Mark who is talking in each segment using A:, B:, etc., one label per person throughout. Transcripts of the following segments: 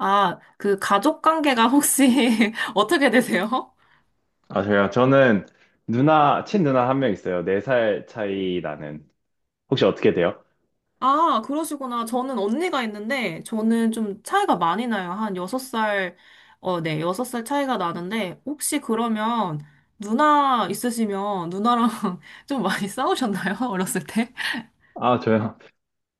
A: 아, 그 가족 관계가 혹시 어떻게 되세요?
B: 아, 저요? 저는 누나, 친누나 한 명 있어요. 네 살 차이 나는. 혹시 어떻게 돼요?
A: 아, 그러시구나. 저는 언니가 있는데, 저는 좀 차이가 많이 나요. 한 6살, 여섯 살 차이가 나는데, 혹시 그러면 누나 있으시면 누나랑 좀 많이 싸우셨나요? 어렸을 때?
B: 아, 저요?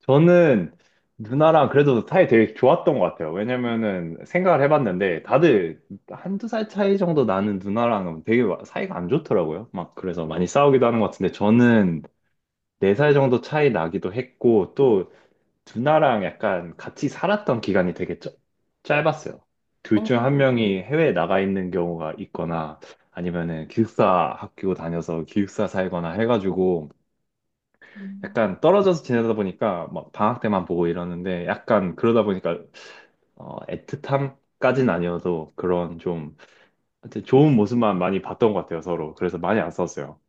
B: 저는 누나랑 그래도 사이 되게 좋았던 것 같아요. 왜냐면은 생각을 해봤는데 다들 한두 살 차이 정도 나는 누나랑은 되게 사이가 안 좋더라고요. 막 그래서 많이 싸우기도 하는 것 같은데 저는 네 살 정도 차이 나기도 했고 또 누나랑 약간 같이 살았던 기간이 되게 짧았어요. 둘
A: 어,
B: 중 한 명이 해외에 나가 있는 경우가 있거나 아니면은 기숙사 학교 다녀서 기숙사 살거나 해가지고 약간 떨어져서 지내다 보니까 막 방학 때만 보고 이러는데 약간 그러다 보니까 애틋함까진 아니어도 그런 좀 하여튼 좋은 모습만 많이 봤던 것 같아요, 서로. 그래서 많이 안 싸웠어요.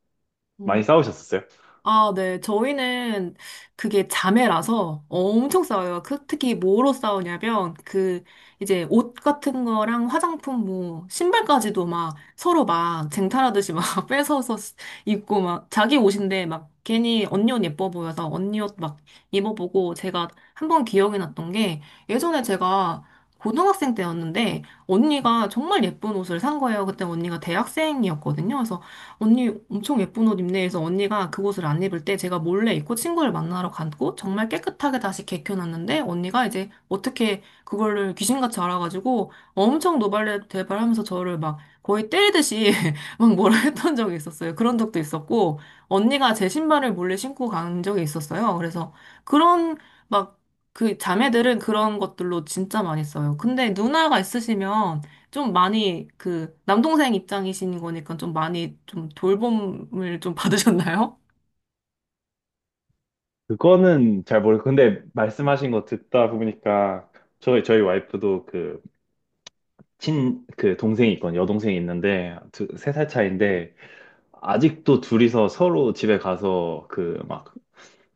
B: 많이 싸우셨었어요?
A: 네, 저희는 그게 자매라서 엄청 싸워요. 특히 뭐로 싸우냐면, 그, 이제 옷 같은 거랑 화장품, 뭐, 신발까지도 막 서로 막 쟁탈하듯이 막 뺏어서 입고 막 자기 옷인데 막 괜히 언니 옷 예뻐 보여서 언니 옷 막 입어보고 제가 한번 기억이 났던 게 예전에 제가 고등학생 때였는데 언니가 정말 예쁜 옷을 산 거예요. 그때 언니가 대학생이었거든요. 그래서 언니 엄청 예쁜 옷 입네 해서 언니가 그 옷을 안 입을 때 제가 몰래 입고 친구를 만나러 갔고 정말 깨끗하게 다시 개켜놨는데 언니가 이제 어떻게 그거를 귀신같이 알아가지고 엄청 노발대발하면서 저를 막 거의 때리듯이 막 뭐라 했던 적이 있었어요. 그런 적도 있었고 언니가 제 신발을 몰래 신고 간 적이 있었어요. 그래서 그런 막 그 자매들은 그런 것들로 진짜 많이 써요. 근데 누나가 있으시면 좀 많이 그 남동생 입장이신 거니까 좀 많이 좀 돌봄을 좀 받으셨나요?
B: 그거는 잘 모르고 근데 말씀하신 거 듣다 보니까 저희 와이프도 그 친, 그 동생이 있거든. 여동생이 있는데, 두, 세 살 차이인데, 아직도 둘이서 서로 집에 가서 그 막,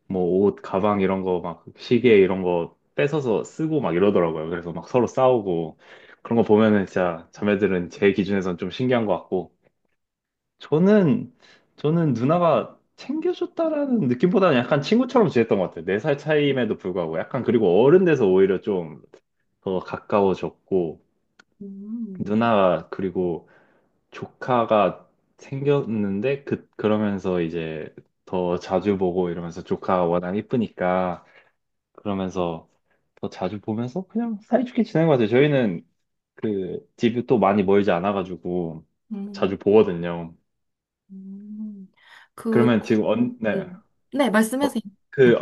B: 뭐 옷, 가방 이런 거 막, 시계 이런 거 뺏어서 쓰고 막 이러더라고요. 그래서 막 서로 싸우고, 그런 거 보면은 진짜 자매들은 제 기준에선 좀 신기한 것 같고, 저는, 저는 누나가 챙겨줬다라는 느낌보다는 약간 친구처럼 지냈던 것 같아요. 네 살 차이임에도 불구하고. 약간 그리고 어른 돼서 오히려 좀 더 가까워졌고,
A: 음,
B: 누나가 그리고 조카가 생겼는데 그러면서 이제 더 자주 보고 이러면서 조카가 워낙 이쁘니까 그러면서 더 자주 보면서 그냥 사이좋게 지낸 것 같아요. 저희는 그 집이 또 많이 멀지 않아가지고
A: 음,
B: 자주 보거든요.
A: 음. 그, 럼
B: 그러면 지금 언, 네.
A: 네,
B: 어,
A: 말씀하세요.
B: 그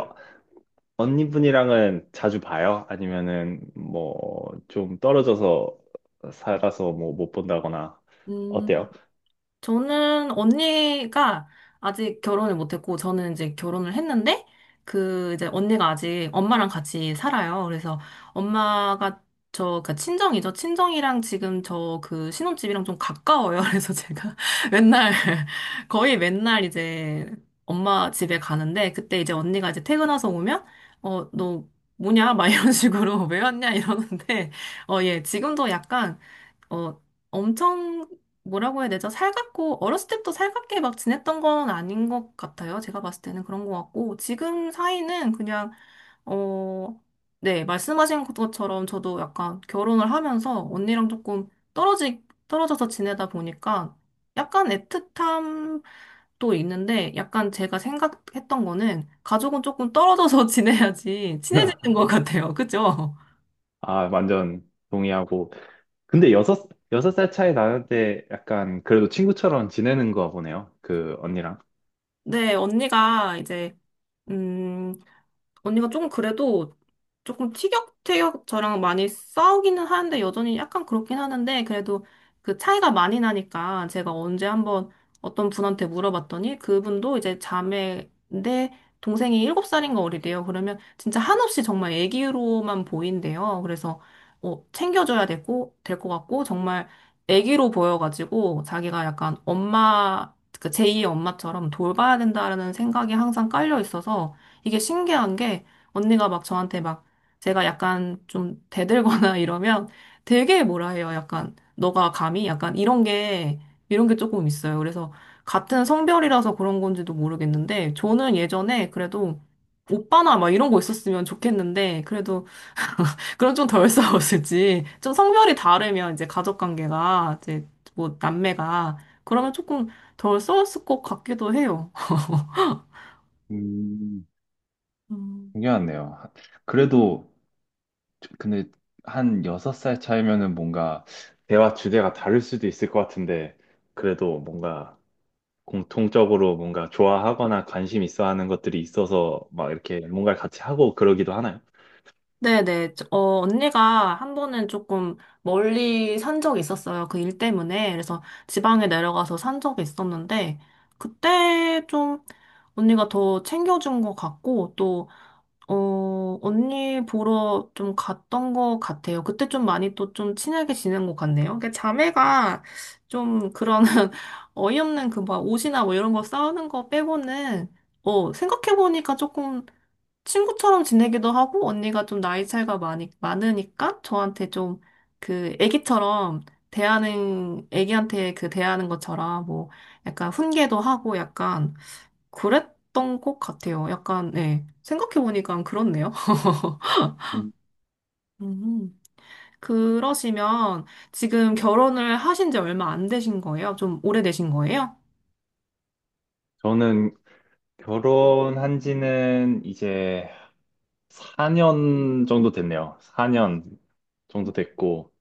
B: 언니분이랑은 자주 봐요? 아니면은 뭐 좀 떨어져서 살아서 뭐 못 본다거나
A: 음.
B: 어때요?
A: 저는 언니가 아직 결혼을 못했고, 저는 이제 결혼을 했는데, 그, 이제 언니가 아직 엄마랑 같이 살아요. 그래서 엄마가 저, 그, 친정이죠. 친정이랑 지금 저 그 신혼집이랑 좀 가까워요. 그래서 제가 맨날, 거의 맨날 이제 엄마 집에 가는데, 그때 이제 언니가 이제 퇴근해서 오면, 어, 너 뭐냐? 막 이런 식으로 왜 왔냐? 이러는데, 어, 예, 지금도 약간 어, 엄청 뭐라고 해야 되죠? 살갑고 어렸을 때부터 살갑게 막 지냈던 건 아닌 것 같아요. 제가 봤을 때는 그런 것 같고 지금 사이는 그냥 어, 네, 말씀하신 것처럼 저도 약간 결혼을 하면서 언니랑 조금 떨어지 떨어져서 지내다 보니까 약간 애틋함 또 있는데 약간 제가 생각했던 거는 가족은 조금 떨어져서 지내야지 친해지는 것 같아요. 그죠?
B: 아, 완전 동의하고 근데 여섯, 여섯 살 차이 나는데 약간 그래도 친구처럼 지내는 거 보네요. 그 언니랑.
A: 네, 언니가 이제 음 언니가 조금 그래도 조금 티격태격 저랑 많이 싸우기는 하는데 여전히 약간 그렇긴 하는데 그래도 그 차이가 많이 나니까 제가 언제 한번 어떤 분한테 물어봤더니 그분도 이제 자매인데 동생이 7살인가 어리대요. 그러면 진짜 한없이 정말 애기로만 보인대요. 그래서 어, 챙겨줘야 되고 될 것 같고 정말 애기로 보여가지고 자기가 약간 엄마 그 제2의 엄마처럼 돌봐야 된다라는 생각이 항상 깔려 있어서 이게 신기한 게 언니가 막 저한테 막 제가 약간 좀 대들거나 이러면 되게 뭐라 해요. 약간 너가 감히 약간 이런 게 조금 있어요. 그래서 같은 성별이라서 그런 건지도 모르겠는데 저는 예전에 그래도 오빠나 막 이런 거 있었으면 좋겠는데 그래도 그럼 좀 덜 싸웠을지 좀 성별이 다르면 이제 가족 관계가 이제 뭐 남매가 그러면 조금 덜 싸웠을 것 같기도 해요.
B: 음,
A: 음.
B: 중요하네요. 그래도, 근데 한 여섯 살 차이면은 뭔가, 대화 주제가 다를 수도 있을 것 같은데, 그래도 뭔가 공통적으로 뭔가 좋아하거나 관심 있어 하는 것들이 있어서 막 이렇게 뭔가를 같이 하고 그러기도 하나요?
A: 네네. 어, 언니가 한 번은 조금 멀리 산 적이 있었어요. 그 일 때문에. 그래서 지방에 내려가서 산 적이 있었는데, 그때 좀 언니가 더 챙겨준 것 같고, 또, 어, 언니 보러 좀 갔던 것 같아요. 그때 좀 많이 또 좀 친하게 지낸 것 같네요. 그러니까 자매가 좀 그런 어이없는 그 막 옷이나 뭐 이런 거 싸우는 거 빼고는, 어, 생각해보니까 조금 친구처럼 지내기도 하고 언니가 좀 나이 차이가 많이 많으니까 저한테 좀 그 애기처럼 대하는 애기한테 그 대하는 것처럼 뭐 약간 훈계도 하고 약간 그랬던 것 같아요. 약간 네. 생각해 보니까 그렇네요.
B: 음,
A: 음. 그러시면 지금 결혼을 하신 지 얼마 안 되신 거예요? 좀 오래되신 거예요?
B: 저는 결혼한 지는 이제 4년 정도 됐네요. 4년 정도 됐고,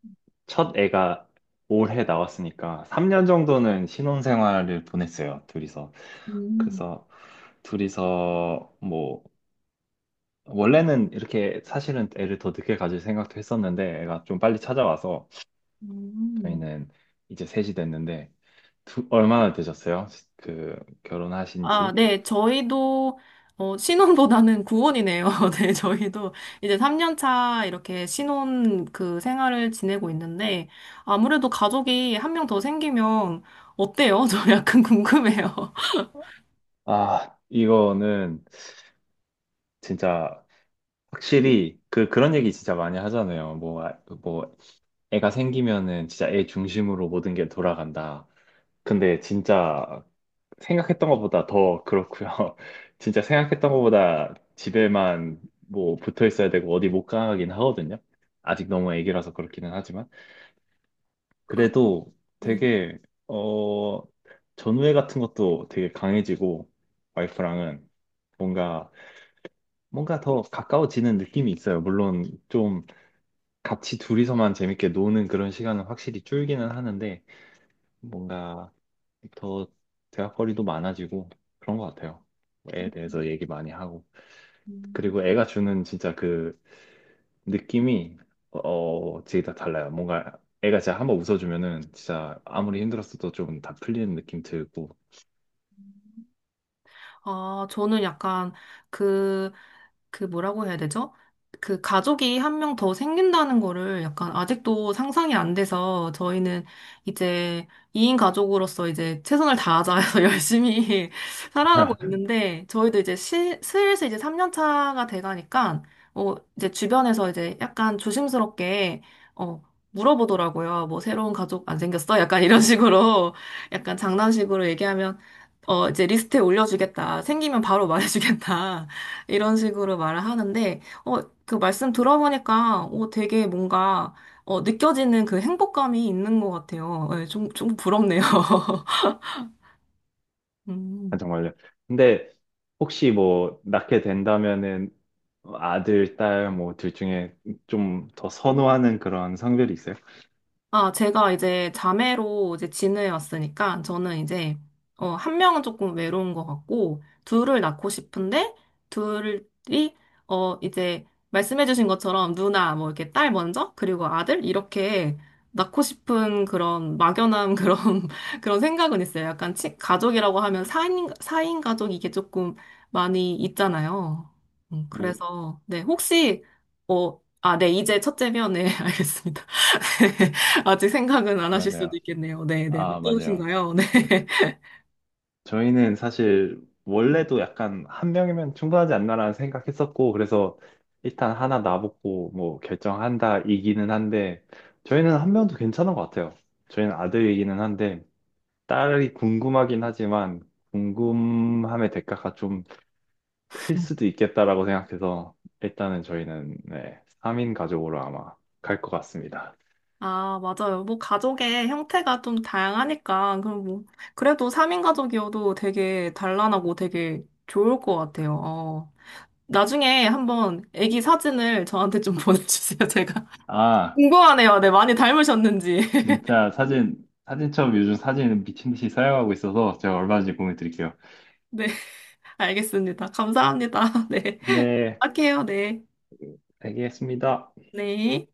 B: 첫 애가 올해 나왔으니까, 3년 정도는 신혼생활을 보냈어요, 둘이서.
A: 음.
B: 그래서, 둘이서, 뭐, 원래는 이렇게 사실은 애를 더 늦게 가질 생각도 했었는데, 애가 좀 빨리 찾아와서,
A: 음.
B: 저희는 이제 셋이 됐는데, 얼마나 되셨어요? 그, 결혼하신
A: 아,
B: 지?
A: 네, 저희도, 어, 신혼보다는 구혼이네요. 네, 저희도 이제 3년 차 이렇게 신혼 그 생활을 지내고 있는데, 아무래도 가족이 한 명 더 생기면 어때요? 저 약간 궁금해요.
B: 아, 이거는 진짜, 확실히 그런 얘기 진짜 많이 하잖아요. 뭐 아, 뭐 애가 생기면은 진짜 애 중심으로 모든 게 돌아간다. 근데 진짜 생각했던 것보다 더 그렇고요. 진짜 생각했던 것보다 집에만 뭐 붙어 있어야 되고 어디 못 가긴 하거든요. 아직 너무 애기라서 그렇기는 하지만
A: 그럼,
B: 그래도 되게 어 전우애 같은 것도 되게 강해지고 와이프랑은 뭔가 더 가까워지는 느낌이 있어요. 물론 좀 같이 둘이서만 재밌게 노는 그런 시간은 확실히 줄기는 하는데 뭔가 더 대화거리도 많아지고 그런 것 같아요. 애에 대해서 얘기 많이 하고.
A: 음.
B: 그리고 애가 주는 진짜 그 느낌이 진짜 다 달라요. 뭔가 애가 진짜 한번 웃어주면은 진짜 아무리 힘들었어도 좀 다 풀리는 느낌 들고.
A: 아, 저는 약간 그, 그 뭐라고 해야 되죠? 그 가족이 한 명 더 생긴다는 거를 약간 아직도 상상이 안 돼서 저희는 이제 2인 가족으로서 이제 최선을 다하자 해서 열심히 살아가고 있는데 저희도 이제 슬슬 이제 3년 차가 돼가니까 어, 이제 주변에서 이제 약간 조심스럽게 어, 물어보더라고요. 뭐 새로운 가족 안 생겼어? 약간 이런 식으로 약간 장난식으로 얘기하면 어, 이제 리스트에 올려주겠다. 생기면 바로 말해주겠다. 이런 식으로 말을 하는데, 어, 그 말씀 들어보니까, 어, 되게 뭔가, 어, 느껴지는 그 행복감이 있는 것 같아요. 예, 좀, 좀 부럽네요.
B: 아,
A: 음.
B: 정말요. 근데 혹시 뭐 낳게 된다면은 아들, 딸 뭐 둘 중에 좀 더 선호하는 그런 성별이 있어요?
A: 아, 제가 이제 자매로 이제 지내왔으니까 저는 이제 어, 한 명은 조금 외로운 것 같고 둘을 낳고 싶은데 둘이 어 이제 말씀해주신 것처럼 누나 뭐 이렇게 딸 먼저 그리고 아들 이렇게 낳고 싶은 그런 막연한 그런 그런 생각은 있어요. 약간 가족이라고 하면 4인 사인 가족 이게 조금 많이 있잖아요.
B: 오.
A: 그래서 네 혹시 어 아, 네, 이제 첫째면, 네, 알겠습니다. 아직 생각은 안 하실 수도
B: 맞아요.
A: 있겠네요. 네, 네.
B: 아, 맞아요.
A: 어떠신가요? 네.
B: 저희는 사실 원래도 약간 한 명이면 충분하지 않나라는 생각했었고 그래서 일단 하나 놔보고 뭐 결정한다 이기는 한데 저희는 한 명도 괜찮은 것 같아요. 저희는 아들이기는 한데 딸이 궁금하긴 하지만 궁금함의 대가가 좀 클 수도 있겠다라고 생각해서 일단은 저희는 네, 3인 가족으로 아마 갈 것 같습니다.
A: 아, 맞아요. 뭐, 가족의 형태가 좀 다양하니까, 그럼 뭐, 그래도 3인 가족이어도 되게 단란하고 되게 좋을 것 같아요. 어. 나중에 한번 아기 사진을 저한테 좀 보내주세요. 제가
B: 아,
A: 궁금하네요. 네, 많이 닮으셨는지.
B: 진짜 사진첩 요즘 사진 미친 듯이 사용하고 있어서 제가 얼마 전에 공유 드릴게요.
A: 네, 알겠습니다. 감사합니다. 네.
B: 네,
A: 할게요. 네.
B: 알겠습니다.
A: 네.